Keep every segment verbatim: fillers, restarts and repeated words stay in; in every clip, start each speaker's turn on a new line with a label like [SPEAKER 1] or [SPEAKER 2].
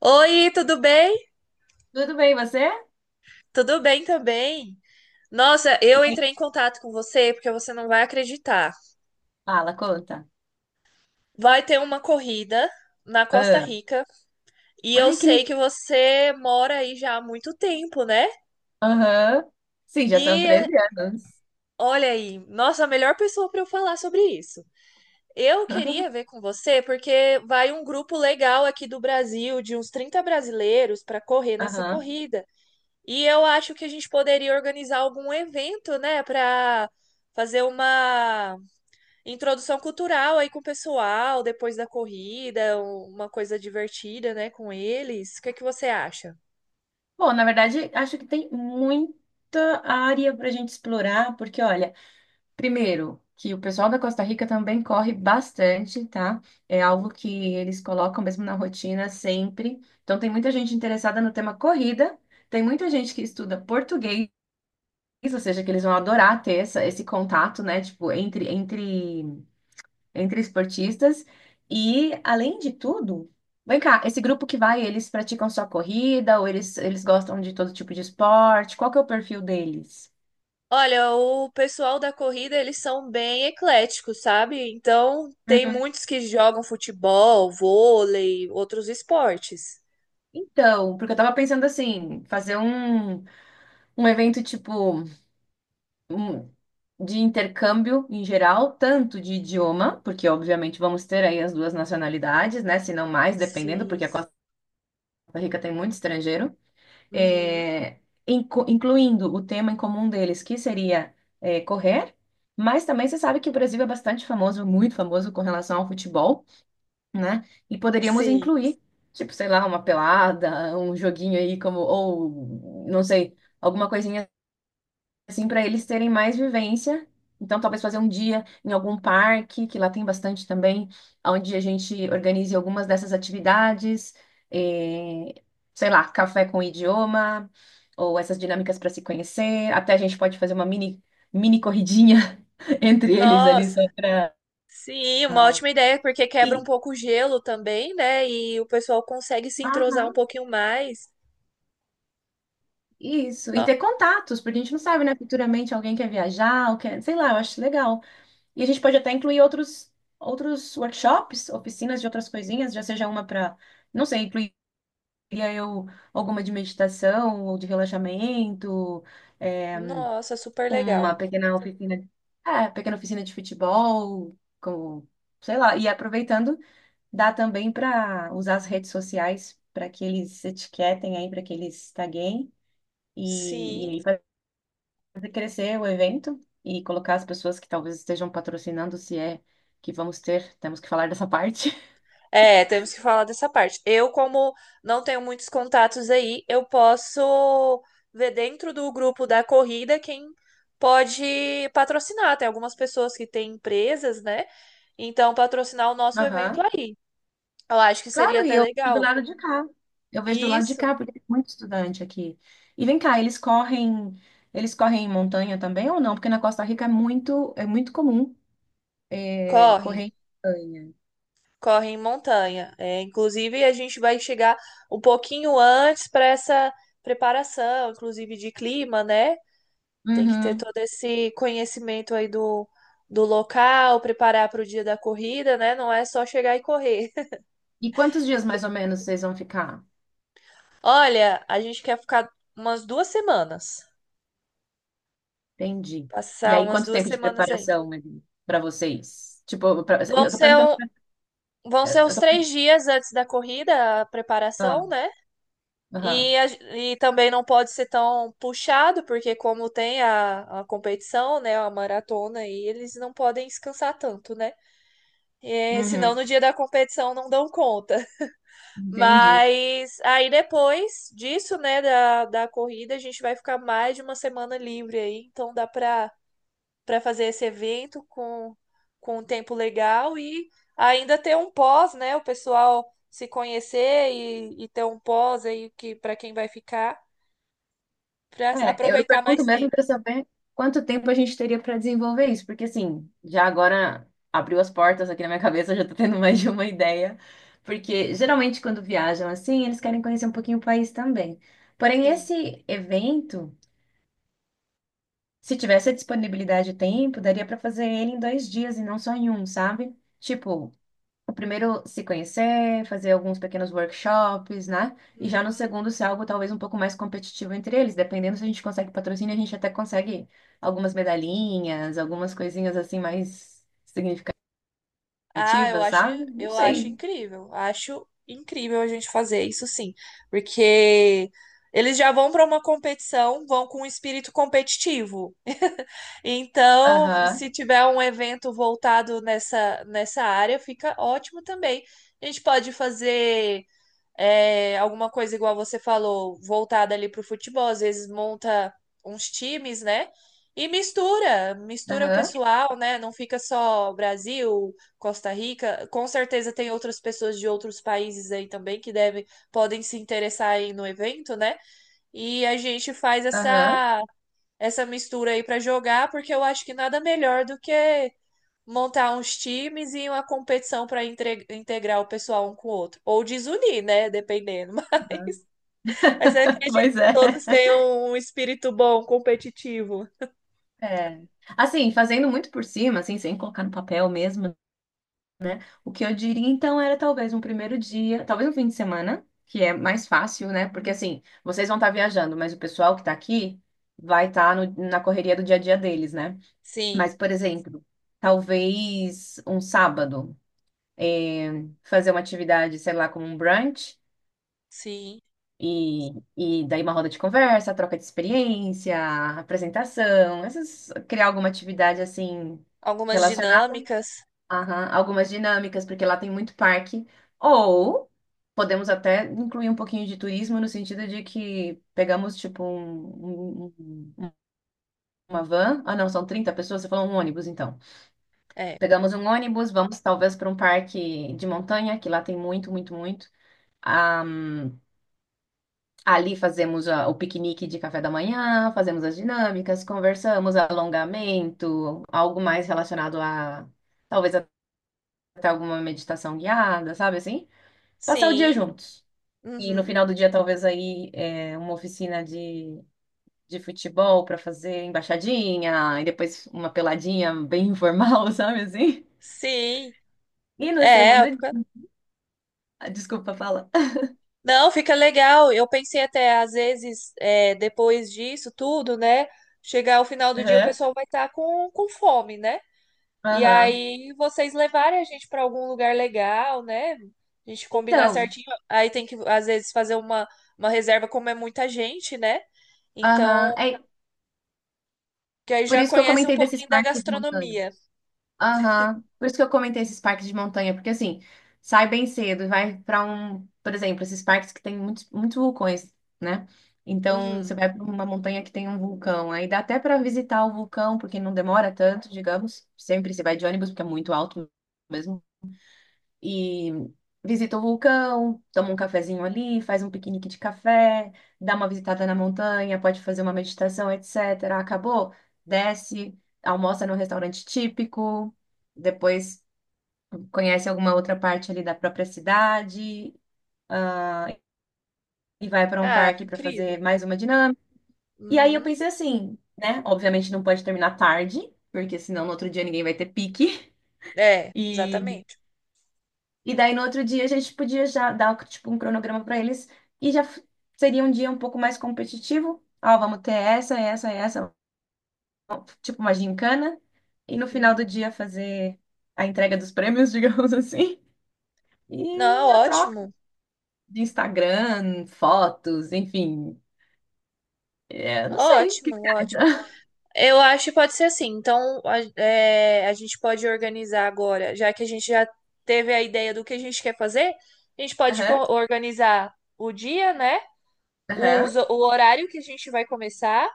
[SPEAKER 1] Oi, tudo bem?
[SPEAKER 2] Tudo bem, você? E
[SPEAKER 1] Tudo bem também. Nossa, eu
[SPEAKER 2] aí?
[SPEAKER 1] entrei em contato com você porque você não vai acreditar.
[SPEAKER 2] Fala, conta.
[SPEAKER 1] Vai ter uma corrida na Costa
[SPEAKER 2] Ah,
[SPEAKER 1] Rica e eu
[SPEAKER 2] ai, que
[SPEAKER 1] sei
[SPEAKER 2] legal.
[SPEAKER 1] que você mora aí já há muito tempo, né?
[SPEAKER 2] Aham. Sim, já são
[SPEAKER 1] E
[SPEAKER 2] treze anos.
[SPEAKER 1] olha aí, nossa, a melhor pessoa para eu falar sobre isso. Eu queria ver com você porque vai um grupo legal aqui do Brasil, de uns trinta brasileiros, para correr nessa
[SPEAKER 2] Aham.
[SPEAKER 1] corrida. E eu acho que a gente poderia organizar algum evento, né, para fazer uma introdução cultural aí com o pessoal depois da corrida, uma coisa divertida, né, com eles. O que é que você acha?
[SPEAKER 2] Bom, na verdade, acho que tem muita área para a gente explorar, porque, olha, primeiro, que o pessoal da Costa Rica também corre bastante, tá? É algo que eles colocam mesmo na rotina sempre. Então, tem muita gente interessada no tema corrida, tem muita gente que estuda português, ou seja, que eles vão adorar ter essa, esse contato, né? Tipo, entre, entre entre esportistas. E, além de tudo, vem cá, esse grupo que vai, eles praticam só corrida ou eles, eles gostam de todo tipo de esporte? Qual que é o perfil deles?
[SPEAKER 1] Olha, o pessoal da corrida, eles são bem ecléticos, sabe? Então, tem
[SPEAKER 2] Uhum.
[SPEAKER 1] muitos que jogam futebol, vôlei, outros esportes.
[SPEAKER 2] Então, porque eu tava pensando assim, fazer um, um evento tipo um- de intercâmbio em geral, tanto de idioma, porque obviamente vamos ter aí as duas nacionalidades, né? Se não mais, dependendo, porque a
[SPEAKER 1] Sim.
[SPEAKER 2] Costa Rica tem muito estrangeiro.
[SPEAKER 1] Uhum.
[SPEAKER 2] é, incu- Incluindo o tema em comum deles, que seria é, correr, mas também você sabe que o Brasil é bastante famoso, muito famoso com relação ao futebol, né? E poderíamos
[SPEAKER 1] Sim.
[SPEAKER 2] incluir, tipo, sei lá, uma pelada, um joguinho aí como, ou, não sei, alguma coisinha assim, para eles terem mais vivência. Então, talvez fazer um dia em algum parque, que lá tem bastante também, onde a gente organize algumas dessas atividades, eh, sei lá, café com idioma, ou essas dinâmicas para se conhecer. Até a gente pode fazer uma mini, mini corridinha entre eles ali, só
[SPEAKER 1] Nossa.
[SPEAKER 2] para.
[SPEAKER 1] Sim, uma ótima ideia, porque quebra um
[SPEAKER 2] E,
[SPEAKER 1] pouco o gelo também, né? E o pessoal consegue se entrosar um
[SPEAKER 2] aham,
[SPEAKER 1] pouquinho mais.
[SPEAKER 2] isso, e
[SPEAKER 1] No-
[SPEAKER 2] ter contatos, porque a gente não sabe, né? Futuramente alguém quer viajar, ou quer, sei lá, eu acho legal. E a gente pode até incluir outros, outros workshops, oficinas de outras coisinhas, já seja uma para, não sei, incluiria eu alguma de meditação ou de relaxamento, é,
[SPEAKER 1] Nossa, super
[SPEAKER 2] uma
[SPEAKER 1] legal.
[SPEAKER 2] pequena oficina, é, pequena oficina de futebol, com, sei lá, e aproveitando, dá também para usar as redes sociais para que eles etiquetem aí, para que eles taguem. E, e
[SPEAKER 1] Sim.
[SPEAKER 2] aí fazer crescer o evento e colocar as pessoas que talvez estejam patrocinando, se é que vamos ter, temos que falar dessa parte.
[SPEAKER 1] É, temos que falar dessa parte. Eu, como não tenho muitos contatos aí, eu posso ver dentro do grupo da corrida quem pode patrocinar. Tem algumas pessoas que têm empresas, né? Então, patrocinar o nosso evento
[SPEAKER 2] Aham.
[SPEAKER 1] aí. Eu acho que seria
[SPEAKER 2] Claro, e
[SPEAKER 1] até
[SPEAKER 2] eu vejo do
[SPEAKER 1] legal.
[SPEAKER 2] lado de cá. Eu vejo do lado de
[SPEAKER 1] Isso,
[SPEAKER 2] cá, porque tem muito estudante aqui. E vem cá, eles correm, eles correm em montanha também ou não? Porque na Costa Rica é muito, é muito comum é, correr
[SPEAKER 1] correm.
[SPEAKER 2] em montanha.
[SPEAKER 1] Corre em montanha. É, inclusive, a gente vai chegar um pouquinho antes para essa preparação, inclusive de clima, né? Tem que ter
[SPEAKER 2] Uhum.
[SPEAKER 1] todo esse conhecimento aí do, do local, preparar para o dia da corrida, né? Não é só chegar e correr.
[SPEAKER 2] E quantos dias
[SPEAKER 1] Então,
[SPEAKER 2] mais ou menos vocês vão ficar?
[SPEAKER 1] olha, a gente quer ficar umas duas semanas,
[SPEAKER 2] Entendi. E
[SPEAKER 1] passar
[SPEAKER 2] aí,
[SPEAKER 1] umas
[SPEAKER 2] quanto
[SPEAKER 1] duas
[SPEAKER 2] tempo de
[SPEAKER 1] semanas aí.
[SPEAKER 2] preparação para vocês? Tipo, pra-
[SPEAKER 1] Vão
[SPEAKER 2] eu tô
[SPEAKER 1] ser,
[SPEAKER 2] perguntando
[SPEAKER 1] um- vão ser os três dias antes da corrida, a preparação, né?
[SPEAKER 2] para.
[SPEAKER 1] E, a- e também não pode ser tão puxado, porque como tem a, a competição, né, a maratona, aí eles não podem descansar tanto, né? É, senão
[SPEAKER 2] Uhum,
[SPEAKER 1] no dia da competição não dão conta.
[SPEAKER 2] entendi.
[SPEAKER 1] Mas aí depois disso, né, da, da corrida, a gente vai ficar mais de uma semana livre aí, então dá para para fazer esse evento com, com um tempo legal e ainda ter um pós, né, o pessoal se conhecer e, e ter um pós aí que para quem vai ficar. Pra
[SPEAKER 2] É, eu
[SPEAKER 1] aproveitar
[SPEAKER 2] pergunto
[SPEAKER 1] mais
[SPEAKER 2] mesmo
[SPEAKER 1] tempo.
[SPEAKER 2] para saber quanto tempo a gente teria para desenvolver isso, porque assim, já agora abriu as portas aqui na minha cabeça, já tô tendo mais de uma ideia, porque geralmente quando viajam assim, eles querem conhecer um pouquinho o país também. Porém,
[SPEAKER 1] Sim.
[SPEAKER 2] esse evento, se tivesse a disponibilidade de tempo, daria para fazer ele em dois dias e não só em um, sabe? Tipo, primeiro se conhecer, fazer alguns pequenos workshops, né? E já no
[SPEAKER 1] Uhum.
[SPEAKER 2] segundo ser algo talvez um pouco mais competitivo entre eles, dependendo se a gente consegue patrocínio, a gente até consegue algumas medalhinhas, algumas coisinhas assim mais significativas,
[SPEAKER 1] Ah, eu acho,
[SPEAKER 2] sabe? Não
[SPEAKER 1] eu acho
[SPEAKER 2] sei.
[SPEAKER 1] incrível. Acho incrível a gente fazer isso sim, porque eles já vão para uma competição, vão com um espírito competitivo. Então,
[SPEAKER 2] Aham,
[SPEAKER 1] se tiver um evento voltado nessa nessa área, fica ótimo também. A gente pode fazer é, alguma coisa igual você falou, voltada ali para o futebol, às vezes monta uns times, né? E mistura, mistura o
[SPEAKER 2] aham,
[SPEAKER 1] pessoal, né? Não fica só Brasil, Costa Rica. Com certeza tem outras pessoas de outros países aí também que devem, podem se interessar aí no evento, né? E a gente faz
[SPEAKER 2] aham.
[SPEAKER 1] essa essa mistura aí para jogar, porque eu acho que nada melhor do que montar uns times e uma competição para integrar o pessoal um com o outro. Ou desunir, né? Dependendo. Mas,
[SPEAKER 2] Aham.
[SPEAKER 1] mas eu acredito
[SPEAKER 2] Pois
[SPEAKER 1] que
[SPEAKER 2] é.
[SPEAKER 1] todos tenham um espírito bom, competitivo.
[SPEAKER 2] É. Assim, fazendo muito por cima, assim, sem colocar no papel mesmo, o que eu diria então era talvez um primeiro dia, talvez um fim de semana, que é mais fácil, né? Porque assim, vocês vão estar viajando, mas o pessoal que está aqui vai estar na correria do dia a dia deles, né?
[SPEAKER 1] Sim,
[SPEAKER 2] Mas, por exemplo, talvez um sábado, é, fazer uma atividade, sei lá, como um brunch,
[SPEAKER 1] sim.
[SPEAKER 2] e, e daí uma roda de conversa, troca de experiência, apresentação, essas, criar alguma atividade assim.
[SPEAKER 1] Algumas dinâmicas.
[SPEAKER 2] Aham, algumas dinâmicas, porque lá tem muito parque. Ou podemos até incluir um pouquinho de turismo no sentido de que pegamos tipo um, um- um- uma van. Ah, não, são trinta pessoas, você falou um ônibus, então.
[SPEAKER 1] É.
[SPEAKER 2] Pegamos um ônibus, vamos talvez para um parque de montanha, que lá tem muito, muito, muito. Ah, ali fazemos a- o piquenique de café da manhã, fazemos as dinâmicas, conversamos, alongamento, algo mais relacionado a talvez até alguma meditação guiada, sabe assim? Passar o dia
[SPEAKER 1] Sim.
[SPEAKER 2] juntos. E no
[SPEAKER 1] Uhum.
[SPEAKER 2] final do dia, talvez aí é, uma oficina de, de futebol para fazer embaixadinha, e depois uma peladinha bem informal, sabe assim?
[SPEAKER 1] Sim.
[SPEAKER 2] E no
[SPEAKER 1] É,
[SPEAKER 2] segundo.
[SPEAKER 1] fica-
[SPEAKER 2] Ah, desculpa, fala.
[SPEAKER 1] Não, fica legal. Eu pensei até, às vezes, é, depois disso tudo, né? Chegar ao final do dia, o
[SPEAKER 2] Aham.
[SPEAKER 1] pessoal vai estar com, com fome, né? E
[SPEAKER 2] Aham.
[SPEAKER 1] aí vocês levarem a gente para algum lugar legal, né? A gente combinar
[SPEAKER 2] Então,
[SPEAKER 1] certinho. Aí tem que, às vezes, fazer uma, uma reserva, como é muita gente, né?
[SPEAKER 2] aham.
[SPEAKER 1] Então,
[SPEAKER 2] É
[SPEAKER 1] que aí
[SPEAKER 2] por
[SPEAKER 1] já
[SPEAKER 2] isso que eu
[SPEAKER 1] conhece um
[SPEAKER 2] comentei desses
[SPEAKER 1] pouquinho da
[SPEAKER 2] parques de montanha.
[SPEAKER 1] gastronomia.
[SPEAKER 2] Aham. Por isso que eu comentei esses parques de montanha, porque assim, sai bem cedo, e vai pra um, por exemplo, esses parques que tem muitos, muitos vulcões, né? Então, você
[SPEAKER 1] Uhum.
[SPEAKER 2] vai pra uma montanha que tem um vulcão, aí dá até pra visitar o vulcão, porque não demora tanto, digamos. Sempre você vai de ônibus, porque é muito alto mesmo e visita o vulcão, toma um cafezinho ali, faz um piquenique de café, dá uma visitada na montanha, pode fazer uma meditação, et cetera. Acabou, desce, almoça no restaurante típico, depois conhece alguma outra parte ali da própria cidade, ah, e vai para um
[SPEAKER 1] Ah, é
[SPEAKER 2] parque para
[SPEAKER 1] incrível.
[SPEAKER 2] fazer mais uma dinâmica. E aí eu
[SPEAKER 1] Uhum.
[SPEAKER 2] pensei assim, né? Obviamente não pode terminar tarde. Porque senão no outro dia ninguém vai ter pique.
[SPEAKER 1] É,
[SPEAKER 2] e
[SPEAKER 1] exatamente.
[SPEAKER 2] E daí no outro dia a gente podia já dar tipo um cronograma para eles e já f- seria um dia um pouco mais competitivo. Ó, vamos ter essa, essa, essa, tipo uma gincana. E no final do
[SPEAKER 1] Uhum.
[SPEAKER 2] dia fazer a entrega dos prêmios, digamos assim.
[SPEAKER 1] Não,
[SPEAKER 2] E a troca
[SPEAKER 1] ótimo.
[SPEAKER 2] de Instagram, fotos, enfim. É, não sei, o que
[SPEAKER 1] Ótimo,
[SPEAKER 2] que você
[SPEAKER 1] ótimo.
[SPEAKER 2] acha?
[SPEAKER 1] Eu acho que pode ser assim. Então, a, é, a gente pode organizar agora, já que a gente já teve a ideia do que a gente quer fazer, a gente pode co-
[SPEAKER 2] Aham,
[SPEAKER 1] organizar o dia, né? Os-
[SPEAKER 2] aham.
[SPEAKER 1] o horário que a gente vai começar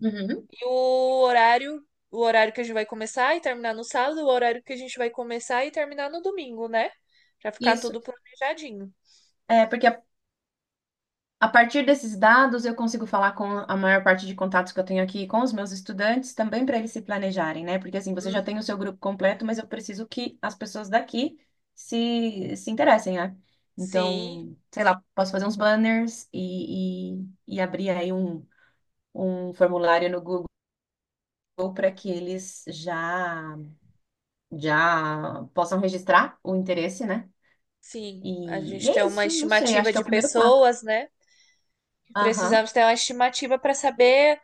[SPEAKER 2] Uhum.
[SPEAKER 1] e o horário, o horário que a gente vai começar e terminar no sábado, o horário que a gente vai começar e terminar no domingo, né? Pra ficar
[SPEAKER 2] Isso.
[SPEAKER 1] tudo planejadinho.
[SPEAKER 2] É, porque A partir desses dados, eu consigo falar com a maior parte de contatos que eu tenho aqui com os meus estudantes, também para eles se planejarem, né? Porque assim, você já tem
[SPEAKER 1] Uhum.
[SPEAKER 2] o seu grupo completo, mas eu preciso que as pessoas daqui se, se interessem, né?
[SPEAKER 1] Sim,
[SPEAKER 2] Então, sei lá, posso fazer uns banners e, e, e abrir aí um, um formulário no Google para que eles já, já possam registrar o interesse, né?
[SPEAKER 1] sim. A
[SPEAKER 2] E, e
[SPEAKER 1] gente tem
[SPEAKER 2] é
[SPEAKER 1] uma
[SPEAKER 2] isso, não sei, acho
[SPEAKER 1] estimativa
[SPEAKER 2] que é o
[SPEAKER 1] de
[SPEAKER 2] primeiro passo.
[SPEAKER 1] pessoas, né?
[SPEAKER 2] Aham,
[SPEAKER 1] Precisamos ter uma estimativa para saber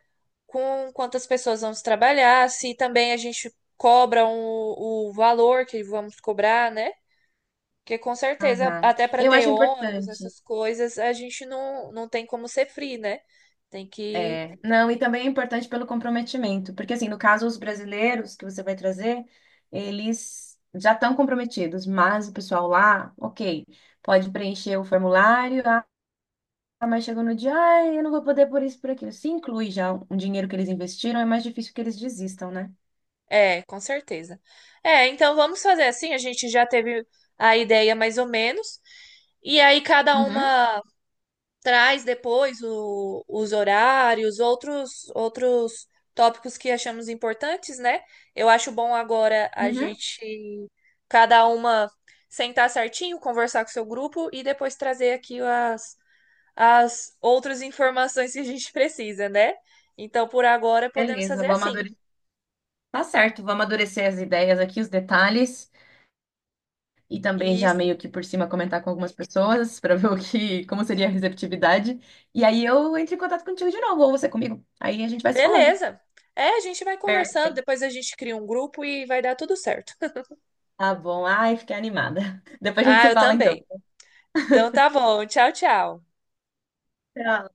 [SPEAKER 1] com quantas pessoas vamos trabalhar, se também a gente cobra um- o valor que vamos cobrar, né? Porque com certeza,
[SPEAKER 2] aham.
[SPEAKER 1] até para
[SPEAKER 2] Eu
[SPEAKER 1] ter
[SPEAKER 2] acho
[SPEAKER 1] ônibus,
[SPEAKER 2] importante.
[SPEAKER 1] essas coisas, a gente não, não tem como ser free, né? Tem que.
[SPEAKER 2] É, não, e também é importante pelo comprometimento, porque assim, no caso, os brasileiros que você vai trazer, eles já estão comprometidos, mas o pessoal lá, ok, pode preencher o formulário, ah, mas chegou no dia, ai, eu não vou poder por isso, por aquilo. Se inclui já um dinheiro que eles investiram, é mais difícil que eles desistam, né?
[SPEAKER 1] É, com certeza. É, então vamos fazer assim, a gente já teve a ideia mais ou menos. E aí cada
[SPEAKER 2] Uhum,
[SPEAKER 1] uma traz depois o- os horários, outros, outros tópicos que achamos importantes, né? Eu acho bom agora a
[SPEAKER 2] uhum.
[SPEAKER 1] gente, cada uma, sentar certinho, conversar com o seu grupo e depois trazer aqui as, as outras informações que a gente precisa, né? Então, por agora, podemos
[SPEAKER 2] Beleza,
[SPEAKER 1] fazer
[SPEAKER 2] vou
[SPEAKER 1] assim.
[SPEAKER 2] amadurecer. Tá certo, vou amadurecer as ideias aqui, os detalhes, e também já
[SPEAKER 1] Isso.
[SPEAKER 2] meio que por cima comentar com algumas pessoas para ver o que, como seria a receptividade. E aí eu entro em contato contigo de novo, ou você comigo. Aí a gente vai se falando.
[SPEAKER 1] Beleza. É, a gente vai conversando,
[SPEAKER 2] Perfeito.
[SPEAKER 1] depois a gente cria um grupo e vai dar tudo certo.
[SPEAKER 2] Tá bom. Ai, fiquei animada. Depois a gente
[SPEAKER 1] Ah,
[SPEAKER 2] se
[SPEAKER 1] eu
[SPEAKER 2] fala então.
[SPEAKER 1] também. Então tá bom. Tchau, tchau.
[SPEAKER 2] Tchau.